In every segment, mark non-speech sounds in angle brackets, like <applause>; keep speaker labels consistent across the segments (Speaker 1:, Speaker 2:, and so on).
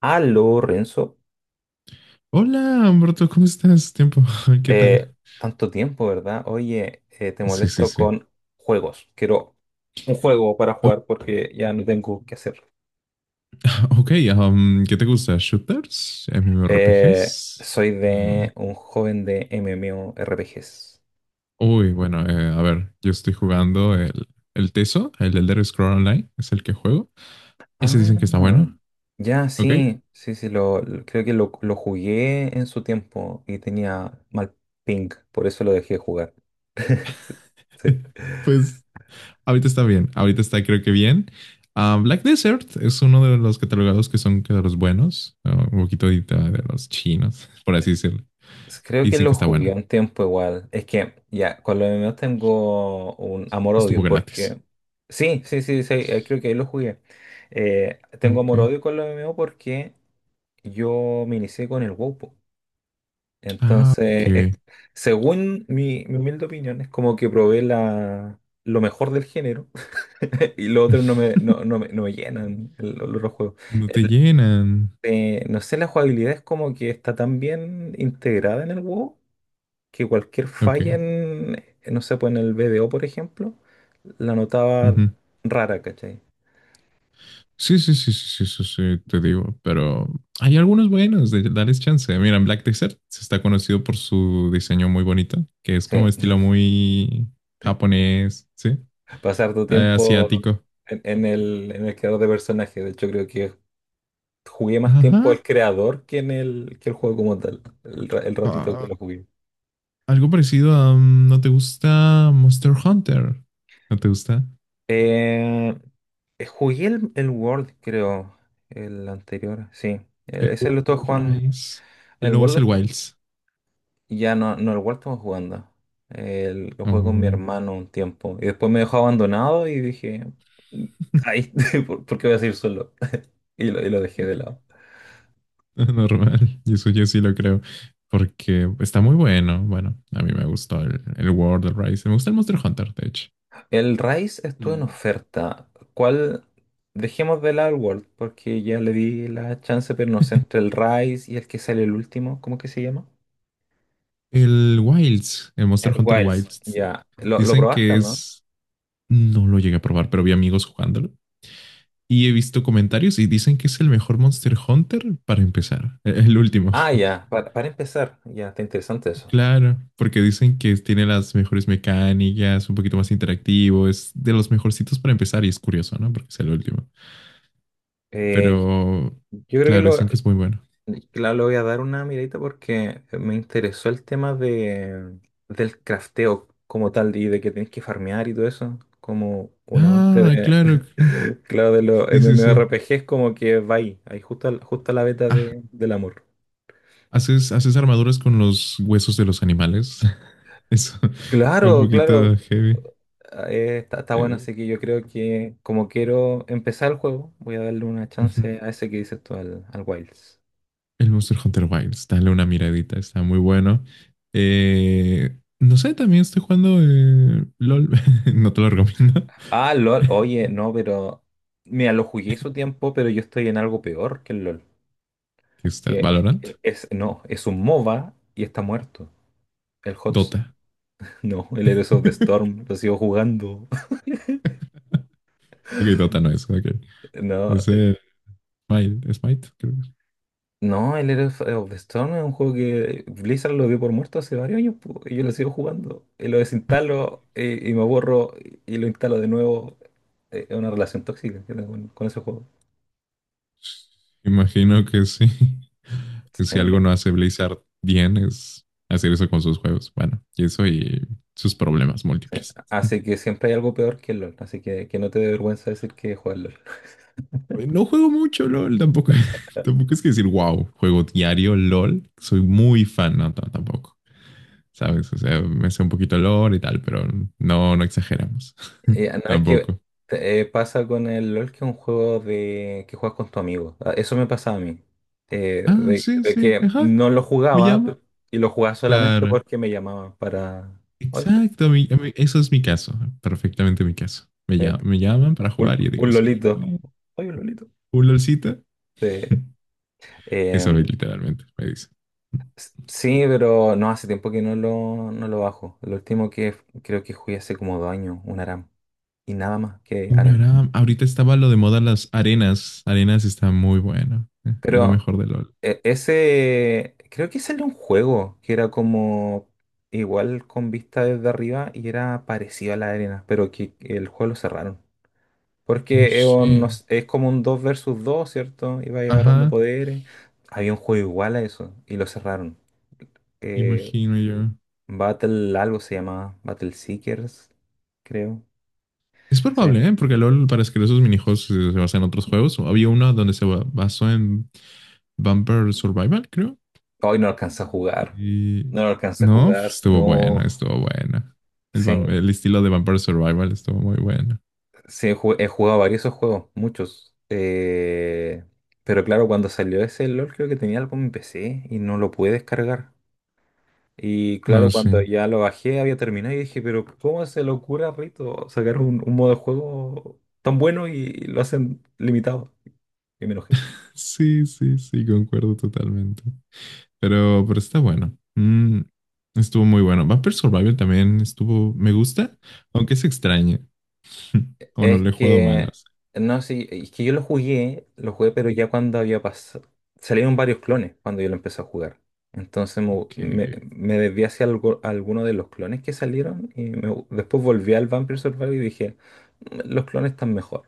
Speaker 1: Aló, Renzo.
Speaker 2: Hola, Humberto, ¿cómo estás? Tiempo, <laughs> ¿qué tal?
Speaker 1: Eh, Tanto tiempo, ¿verdad? Oye, te
Speaker 2: Sí, sí,
Speaker 1: molesto
Speaker 2: sí.
Speaker 1: con juegos. Quiero un juego para
Speaker 2: Uh,
Speaker 1: jugar porque ya no tengo qué hacer.
Speaker 2: Ok, ¿qué te gusta? ¿Shooters? ¿MMORPGs?
Speaker 1: Soy
Speaker 2: Ah,
Speaker 1: de un joven de MMORPGs.
Speaker 2: uy, bueno, a ver, yo estoy jugando el Teso, el Elder Scroll Online, es el que juego. Ese
Speaker 1: Ah,
Speaker 2: dicen que está bueno,
Speaker 1: ya,
Speaker 2: ok.
Speaker 1: sí, sí, sí, creo que lo jugué en su tiempo y tenía mal ping, por eso lo dejé jugar. <laughs> Sí.
Speaker 2: <laughs> Pues ahorita está bien, ahorita está creo que bien. Ah, Black Desert es uno de los catalogados que son que de los buenos, ah, un poquito de los chinos, <laughs> por así decirlo.
Speaker 1: Creo que
Speaker 2: Dicen que
Speaker 1: lo
Speaker 2: está
Speaker 1: jugué
Speaker 2: bueno,
Speaker 1: un tiempo igual. Es que ya, con los MMOs tengo un
Speaker 2: estuvo
Speaker 1: amor-odio,
Speaker 2: gratis.
Speaker 1: porque... Sí, sí, sí, sí, creo que ahí lo jugué.
Speaker 2: Ah,
Speaker 1: Tengo
Speaker 2: ok.
Speaker 1: amor-odio con los MMOs porque yo me inicié con el WoW, po.
Speaker 2: Ah,
Speaker 1: Entonces,
Speaker 2: ok.
Speaker 1: según mi humilde opinión, es como que probé lo mejor del género. <laughs> Y los otros no me, no,
Speaker 2: <laughs>
Speaker 1: no me, no me llenan los otros juegos.
Speaker 2: No te llenan.
Speaker 1: No sé, la jugabilidad es como que está tan bien integrada en el WoW que cualquier
Speaker 2: Ok.
Speaker 1: falla en, no sé, pues en el BDO, por ejemplo, la notaba
Speaker 2: Ujú.
Speaker 1: rara, ¿cachai?
Speaker 2: Sí, sí, sí, sí, sí, eso sí, te digo. Pero hay algunos buenos de darles chance. Mira, Black Desert se está conocido por su diseño muy bonito, que es como
Speaker 1: Sí,
Speaker 2: estilo
Speaker 1: <laughs>
Speaker 2: muy japonés, ¿sí?
Speaker 1: pasar tu tiempo
Speaker 2: Asiático.
Speaker 1: en el creador de personajes. De hecho, creo que jugué más tiempo al
Speaker 2: Ajá.
Speaker 1: creador que en el, que el juego como tal, el ratito que
Speaker 2: Ah,
Speaker 1: lo jugué.
Speaker 2: algo parecido a... ¿No te gusta Monster Hunter? ¿No te gusta?
Speaker 1: Eh, Jugué el World, creo, el anterior, sí. Eh,
Speaker 2: El
Speaker 1: Ese lo estuve
Speaker 2: World
Speaker 1: jugando.
Speaker 2: Rise. El
Speaker 1: El
Speaker 2: nuevo
Speaker 1: World.
Speaker 2: es el Wilds.
Speaker 1: Y ya no lo he vuelto jugando. Lo jugué con mi
Speaker 2: Uy.
Speaker 1: hermano un tiempo. Y después me dejó abandonado y dije, "Mm, ay, <laughs> ¿por qué voy a seguir solo? <laughs> Y lo dejé de lado.
Speaker 2: <laughs> Normal. Y eso yo sí lo creo. Porque está muy bueno. Bueno, a mí me gustó el World, el Rise. Me gusta el Monster Hunter, de hecho.
Speaker 1: El Rise estuvo en
Speaker 2: Mm.
Speaker 1: oferta. ¿Cuál? Dejemos de lado el World, porque ya le di la chance, pero no sé, entre el Rise y el que sale el último, ¿cómo que se llama?
Speaker 2: El Wilds, el Monster Hunter
Speaker 1: Wilds,
Speaker 2: Wilds,
Speaker 1: ya. ¿Lo
Speaker 2: dicen
Speaker 1: probaste o
Speaker 2: que
Speaker 1: no?
Speaker 2: es, no lo llegué a probar, pero vi amigos jugándolo y he visto comentarios y dicen que es el mejor Monster Hunter para empezar, el último.
Speaker 1: Ah,
Speaker 2: <laughs>
Speaker 1: ya, para empezar, ya, está interesante eso.
Speaker 2: Claro, porque dicen que tiene las mejores mecánicas, un poquito más interactivo, es de los mejorcitos para empezar y es curioso, ¿no? Porque es el último.
Speaker 1: Eh,
Speaker 2: Pero,
Speaker 1: yo creo que
Speaker 2: claro,
Speaker 1: lo.
Speaker 2: dicen que es muy bueno.
Speaker 1: Claro, le voy a dar una miradita porque me interesó el tema del crafteo como tal y de que tienes que farmear y todo eso. Como un amante
Speaker 2: Ah,
Speaker 1: de,
Speaker 2: claro.
Speaker 1: <laughs> claro, de los
Speaker 2: Sí, sí, sí.
Speaker 1: MMORPGs, como que va ahí justo, justo a la beta
Speaker 2: Ah,
Speaker 1: del amor.
Speaker 2: ¿haces armaduras con los huesos de los animales? <laughs> Eso, un
Speaker 1: Claro, claro,
Speaker 2: poquito heavy.
Speaker 1: está bueno,
Speaker 2: Eh,
Speaker 1: así que yo creo que como quiero empezar el juego, voy a darle una
Speaker 2: Ujú.
Speaker 1: chance a ese que dices tú, al Wilds.
Speaker 2: El Monster Hunter Wilds, dale una miradita, está muy bueno. No sé, también estoy jugando LOL, <laughs> no te lo recomiendo.
Speaker 1: Ah, LOL,
Speaker 2: <laughs>
Speaker 1: oye, no, pero. Mira, lo jugué su tiempo, pero yo estoy en algo peor que el LOL.
Speaker 2: ¿Qué está?
Speaker 1: Que
Speaker 2: ¿Valorant?
Speaker 1: no, es un MOBA y está muerto. El HOTS.
Speaker 2: Dota.
Speaker 1: <laughs> No, el Heroes of the
Speaker 2: <laughs>
Speaker 1: Storm, lo sigo jugando.
Speaker 2: Ok,
Speaker 1: <laughs>
Speaker 2: Dota no es, ok.
Speaker 1: No,
Speaker 2: Es el Smite, creo.
Speaker 1: no, el Heroes of the Storm es un juego que Blizzard lo dio por muerto hace varios años, po, y yo lo sigo jugando. Y lo desinstalo y me borro y lo instalo de nuevo. Es una relación tóxica que tengo con ese juego.
Speaker 2: Imagino que sí. <laughs> Que si
Speaker 1: Sí.
Speaker 2: algo no hace Blizzard bien es hacer eso con sus juegos. Bueno, y eso y sus problemas múltiples. <laughs>
Speaker 1: Así que siempre hay algo peor que el LOL, así que no te dé vergüenza decir que juegas LOL.
Speaker 2: No juego mucho LOL, tampoco, <laughs> tampoco es que decir, wow, juego diario LOL. Soy muy fan, no, tampoco. ¿Sabes? O sea, me sé un poquito LOL y tal, pero no, no exageramos. <laughs>
Speaker 1: No es que
Speaker 2: Tampoco.
Speaker 1: pasa con el LOL que es un juego de que juegas con tu amigo. Ah, eso me pasa a mí. Eh,
Speaker 2: Ah,
Speaker 1: de,
Speaker 2: sí,
Speaker 1: de
Speaker 2: sí,
Speaker 1: que
Speaker 2: ajá,
Speaker 1: no lo
Speaker 2: me
Speaker 1: jugaba
Speaker 2: llama.
Speaker 1: y lo jugaba solamente
Speaker 2: Claro.
Speaker 1: porque me llamaban para... "Oye,
Speaker 2: Exacto, eso es mi caso, perfectamente mi caso.
Speaker 1: eh,
Speaker 2: Me llaman para
Speaker 1: un,
Speaker 2: jugar y yo digo,
Speaker 1: un
Speaker 2: sí,
Speaker 1: lolito.
Speaker 2: bueno,
Speaker 1: Oye, un lolito.
Speaker 2: un LOLcito.
Speaker 1: Eh,
Speaker 2: <laughs> Eso
Speaker 1: em,
Speaker 2: literalmente me dice.
Speaker 1: sí, pero no, hace tiempo que no lo bajo. Lo último que creo que jugué hace como 2 años, un ARAM. Y nada más que
Speaker 2: Una
Speaker 1: ARAM.
Speaker 2: gran... Ahorita estaba lo de moda las arenas. Arenas está muy bueno. Es lo
Speaker 1: Pero
Speaker 2: mejor de LOL.
Speaker 1: ese, creo que ese era un juego que era como igual con vista desde arriba y era parecido a la arena, pero que el juego lo cerraron.
Speaker 2: No
Speaker 1: Porque
Speaker 2: sé.
Speaker 1: no sé, es como un 2 versus dos, ¿cierto? Iba agarrando
Speaker 2: Ajá,
Speaker 1: poderes. Había un juego igual a eso y lo cerraron. Eh,
Speaker 2: imagino yo.
Speaker 1: Battle algo se llamaba, Battle Seekers, creo.
Speaker 2: Es
Speaker 1: Sí.
Speaker 2: probable, ¿eh? Porque LOL, para escribir esos minijuegos, se basa en otros juegos. Había uno donde basó en Vampire Survival, creo.
Speaker 1: Hoy no alcanza a jugar.
Speaker 2: Y
Speaker 1: No lo alcanza a
Speaker 2: no, pues,
Speaker 1: jugar,
Speaker 2: estuvo bueno,
Speaker 1: no.
Speaker 2: estuvo bueno. El,
Speaker 1: Sí.
Speaker 2: el estilo de Vampire Survival estuvo muy bueno.
Speaker 1: Sí, he jugado varios de esos juegos, muchos. Pero claro, cuando salió ese LOL creo que tenía algo en mi PC y no lo pude descargar. Y claro,
Speaker 2: No, sí.
Speaker 1: cuando ya lo bajé había terminado y dije, pero ¿cómo se le ocurre a Rito sacar un modo de juego tan bueno y lo hacen limitado? Y me enojé.
Speaker 2: Sí, sí, sí, concuerdo totalmente. Pero está bueno. Mm, estuvo muy bueno. Vampire Survival también estuvo, me gusta, aunque es extraño. <laughs> O no
Speaker 1: Es
Speaker 2: lo he jugado mal, no
Speaker 1: que,
Speaker 2: sé.
Speaker 1: no sé, es que yo lo jugué, pero ya cuando había pasado, salieron varios clones cuando yo lo empecé a jugar. Entonces me,
Speaker 2: Ok.
Speaker 1: me, me desvié hacia alguno de los clones que salieron y después volví al Vampire Survivor y dije, los clones están mejor.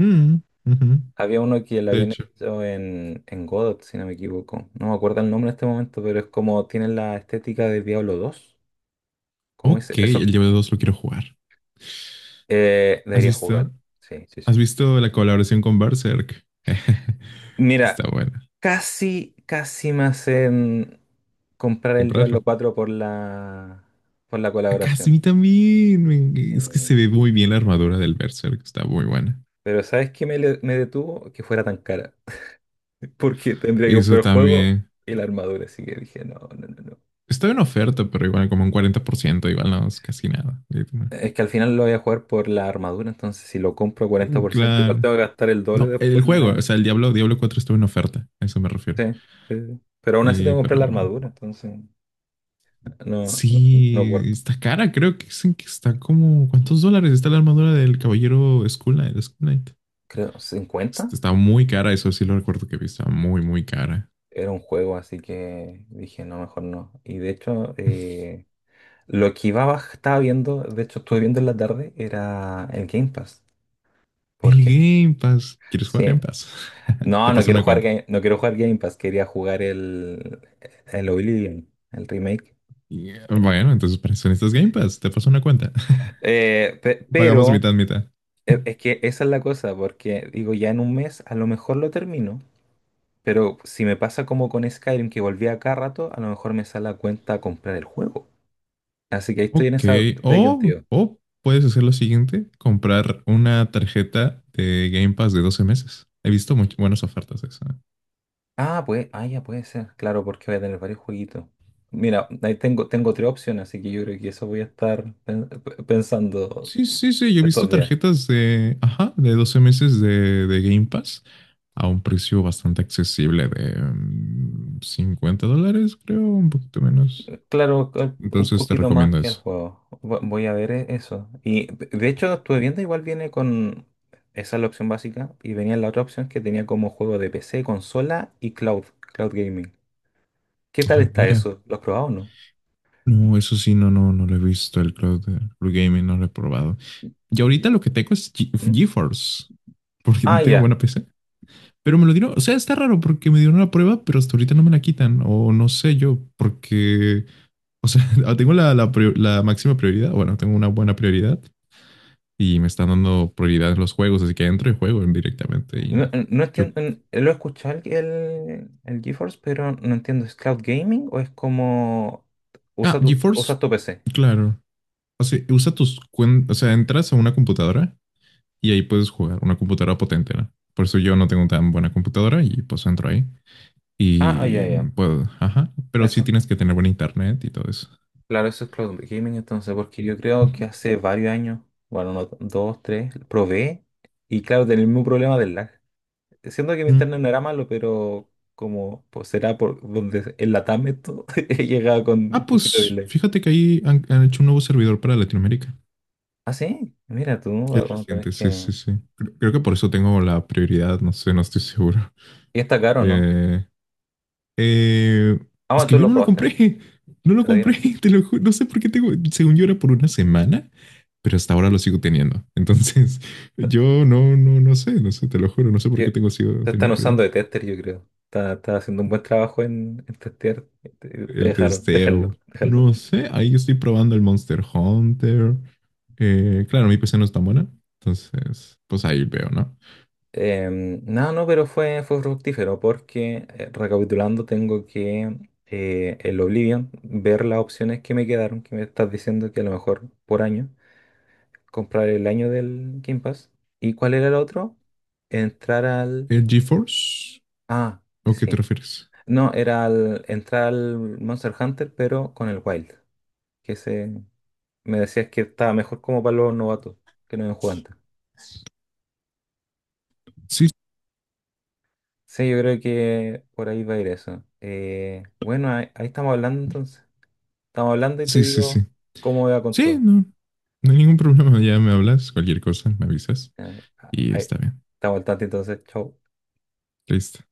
Speaker 2: Mm, ujú,
Speaker 1: Había uno que lo
Speaker 2: de
Speaker 1: habían
Speaker 2: hecho.
Speaker 1: hecho en Godot, si no me equivoco. No me acuerdo el nombre en este momento, pero es como tienen la estética de Diablo II. Como ese,
Speaker 2: Ok,
Speaker 1: esos,
Speaker 2: el Diablo 2 lo quiero jugar. ¿Has
Speaker 1: debería jugar.
Speaker 2: visto?
Speaker 1: Sí, sí, sí.
Speaker 2: ¿Has visto la colaboración con Berserk? <laughs>
Speaker 1: Mira,
Speaker 2: Está buena.
Speaker 1: casi, casi me hacen comprar el Diablo
Speaker 2: Comprarlo.
Speaker 1: cuatro por la,
Speaker 2: Acá sí, a
Speaker 1: colaboración.
Speaker 2: mí también. Es que
Speaker 1: Sí.
Speaker 2: se ve muy bien la armadura del Berserk. Está muy buena.
Speaker 1: Pero ¿sabes qué me detuvo? Que fuera tan cara. <laughs> Porque tendría que
Speaker 2: Eso
Speaker 1: comprar el juego
Speaker 2: también.
Speaker 1: y la armadura. Así que dije, no, no, no, no.
Speaker 2: Estaba en oferta, pero igual como un 40%, igual no es casi nada.
Speaker 1: Es que al final lo voy a jugar por la armadura. Entonces, si lo compro 40% igual
Speaker 2: Claro.
Speaker 1: tengo que gastar el doble
Speaker 2: No, el
Speaker 1: después.
Speaker 2: juego,
Speaker 1: La...
Speaker 2: o sea, el Diablo 4 estuvo en oferta, a eso me refiero.
Speaker 1: Sí, sí, sí. Pero aún así tengo que comprar la
Speaker 2: Pero
Speaker 1: armadura. Entonces, no, no, no
Speaker 2: sí,
Speaker 1: guardo.
Speaker 2: está cara, creo que dicen que está como, ¿cuántos dólares está la armadura del caballero Skull Knight?
Speaker 1: Creo, 50.
Speaker 2: Está muy cara, eso sí lo recuerdo que vi, está muy, muy cara.
Speaker 1: Era un juego, así que dije, no, mejor no. Y de hecho, lo que iba, estaba viendo, de hecho estuve viendo en la tarde, era el Game Pass.
Speaker 2: El
Speaker 1: Porque,
Speaker 2: Game Pass, ¿quieres jugar
Speaker 1: sí,
Speaker 2: Game Pass? <laughs>
Speaker 1: no,
Speaker 2: Te paso una cuenta.
Speaker 1: No quiero jugar Game Pass, quería jugar el Oblivion, el remake.
Speaker 2: Yeah.
Speaker 1: Eh,
Speaker 2: Bueno, entonces para eso necesitas Game Pass. Te paso una cuenta. <laughs> Pagamos
Speaker 1: pero
Speaker 2: mitad, mitad.
Speaker 1: es
Speaker 2: <laughs>
Speaker 1: que esa es la cosa, porque digo, ya en un mes a lo mejor lo termino, pero si me pasa como con Skyrim, que volví a cada rato, a lo mejor me sale a cuenta comprar el juego. Así que ahí estoy en
Speaker 2: Ok.
Speaker 1: esa disyuntiva.
Speaker 2: O puedes hacer lo siguiente: comprar una tarjeta de Game Pass de 12 meses. He visto buenas ofertas de eso.
Speaker 1: Ah, pues, ya puede ser, claro, porque voy a tener varios jueguitos. Mira, ahí tengo tres opciones, así que yo creo que eso voy a estar pensando
Speaker 2: Sí, sí, sí. Yo he visto
Speaker 1: estos días.
Speaker 2: tarjetas de, ajá, de 12 meses de Game Pass a un precio bastante accesible de mm, $50, creo, un poquito menos.
Speaker 1: Claro, un
Speaker 2: Entonces te
Speaker 1: poquito más
Speaker 2: recomiendo
Speaker 1: que el
Speaker 2: eso.
Speaker 1: juego. Voy a ver eso. Y de hecho, estuve viendo, igual viene con. Esa es la opción básica. Y venía la otra opción que tenía como juego de PC, consola y cloud gaming. ¿Qué tal
Speaker 2: Ah,
Speaker 1: está
Speaker 2: mira.
Speaker 1: eso? ¿Lo has probado o no?
Speaker 2: No, eso sí, no, no, no lo he visto, el cloud de no lo he probado. Y ahorita
Speaker 1: Y-
Speaker 2: lo que tengo es
Speaker 1: ¿Mm?
Speaker 2: GeForce, <laughs> porque
Speaker 1: Ah,
Speaker 2: no tengo
Speaker 1: ya.
Speaker 2: buena PC. Pero me lo dieron, o sea, está raro porque me dieron una prueba, pero hasta ahorita no me la quitan, o no sé yo, porque, o sea, <laughs> tengo la máxima prioridad, bueno, tengo una buena prioridad y me están dando prioridad en los juegos, así que entro y juego directamente.
Speaker 1: No,
Speaker 2: Y
Speaker 1: no
Speaker 2: yo,
Speaker 1: entiendo, lo he escuchado el GeForce, pero no entiendo, ¿es cloud gaming o es como
Speaker 2: ah,
Speaker 1: usas
Speaker 2: GeForce,
Speaker 1: tu PC?
Speaker 2: claro. O sea, usa tus cuentas, o sea, entras a una computadora y ahí puedes jugar una computadora potente, ¿no? Por eso yo no tengo tan buena computadora y pues entro ahí
Speaker 1: Ah, ah, ya,
Speaker 2: y
Speaker 1: ya.
Speaker 2: puedo, ajá, pero sí
Speaker 1: Eso,
Speaker 2: tienes que tener buen internet y todo eso.
Speaker 1: claro, eso es cloud gaming entonces, porque yo creo que hace varios años, bueno, no, dos, tres, probé y claro, tenía el mismo problema del lag. Siendo que mi
Speaker 2: Ujú.
Speaker 1: internet no era malo, pero como pues será por donde en la TAM esto, <laughs> he llegado con
Speaker 2: Ah,
Speaker 1: un poquito de
Speaker 2: pues
Speaker 1: delay.
Speaker 2: fíjate que ahí han hecho un nuevo servidor para Latinoamérica.
Speaker 1: Ah, sí, mira, tú
Speaker 2: Es
Speaker 1: vamos a tener
Speaker 2: reciente, sí,
Speaker 1: que...
Speaker 2: sí, sí. Creo, creo que por eso tengo la prioridad, no sé, no estoy seguro.
Speaker 1: Y está caro, ¿no?
Speaker 2: Eh, Eh,
Speaker 1: Ah,
Speaker 2: es
Speaker 1: bueno,
Speaker 2: que
Speaker 1: tú
Speaker 2: yo
Speaker 1: lo
Speaker 2: no lo
Speaker 1: probaste,
Speaker 2: compré, no lo
Speaker 1: te la
Speaker 2: compré,
Speaker 1: dieron.
Speaker 2: <laughs> te no sé por qué tengo, según yo era por una semana, pero hasta ahora lo sigo teniendo. Entonces, <laughs> yo no, no, no sé, no sé, te lo juro, no sé por
Speaker 1: Yo-
Speaker 2: qué tengo sigo
Speaker 1: te están
Speaker 2: teniendo
Speaker 1: usando de tester, yo creo. Está haciendo un buen trabajo en testear. Te
Speaker 2: el
Speaker 1: dejaron,
Speaker 2: testeo.
Speaker 1: déjalo, déjalo.
Speaker 2: No sé, ahí yo estoy probando el Monster Hunter. Claro, mi PC no es tan buena, entonces, pues ahí veo, ¿no?
Speaker 1: No, no, pero fue fructífero porque, recapitulando, tengo que el Oblivion, ver las opciones que me quedaron, que me estás diciendo que a lo mejor por año, comprar el año del Game Pass. ¿Y cuál era el otro? Entrar al...
Speaker 2: ¿El GeForce?
Speaker 1: Ah,
Speaker 2: ¿O qué te
Speaker 1: sí.
Speaker 2: refieres?
Speaker 1: No, era al, entrar al Monster Hunter, pero con el Wild. Que ese... Me decías que estaba mejor como para los novatos que no habían jugado antes.
Speaker 2: Sí,
Speaker 1: Sí, yo creo que por ahí va a ir eso. Bueno, ahí estamos hablando entonces. Estamos hablando y te
Speaker 2: sí, sí, sí.
Speaker 1: digo cómo va con
Speaker 2: Sí,
Speaker 1: todo.
Speaker 2: no. No hay ningún problema. Ya me hablas, cualquier cosa, me avisas
Speaker 1: Ya,
Speaker 2: y
Speaker 1: ahí,
Speaker 2: está bien.
Speaker 1: estamos al tanto entonces. Chau.
Speaker 2: Listo.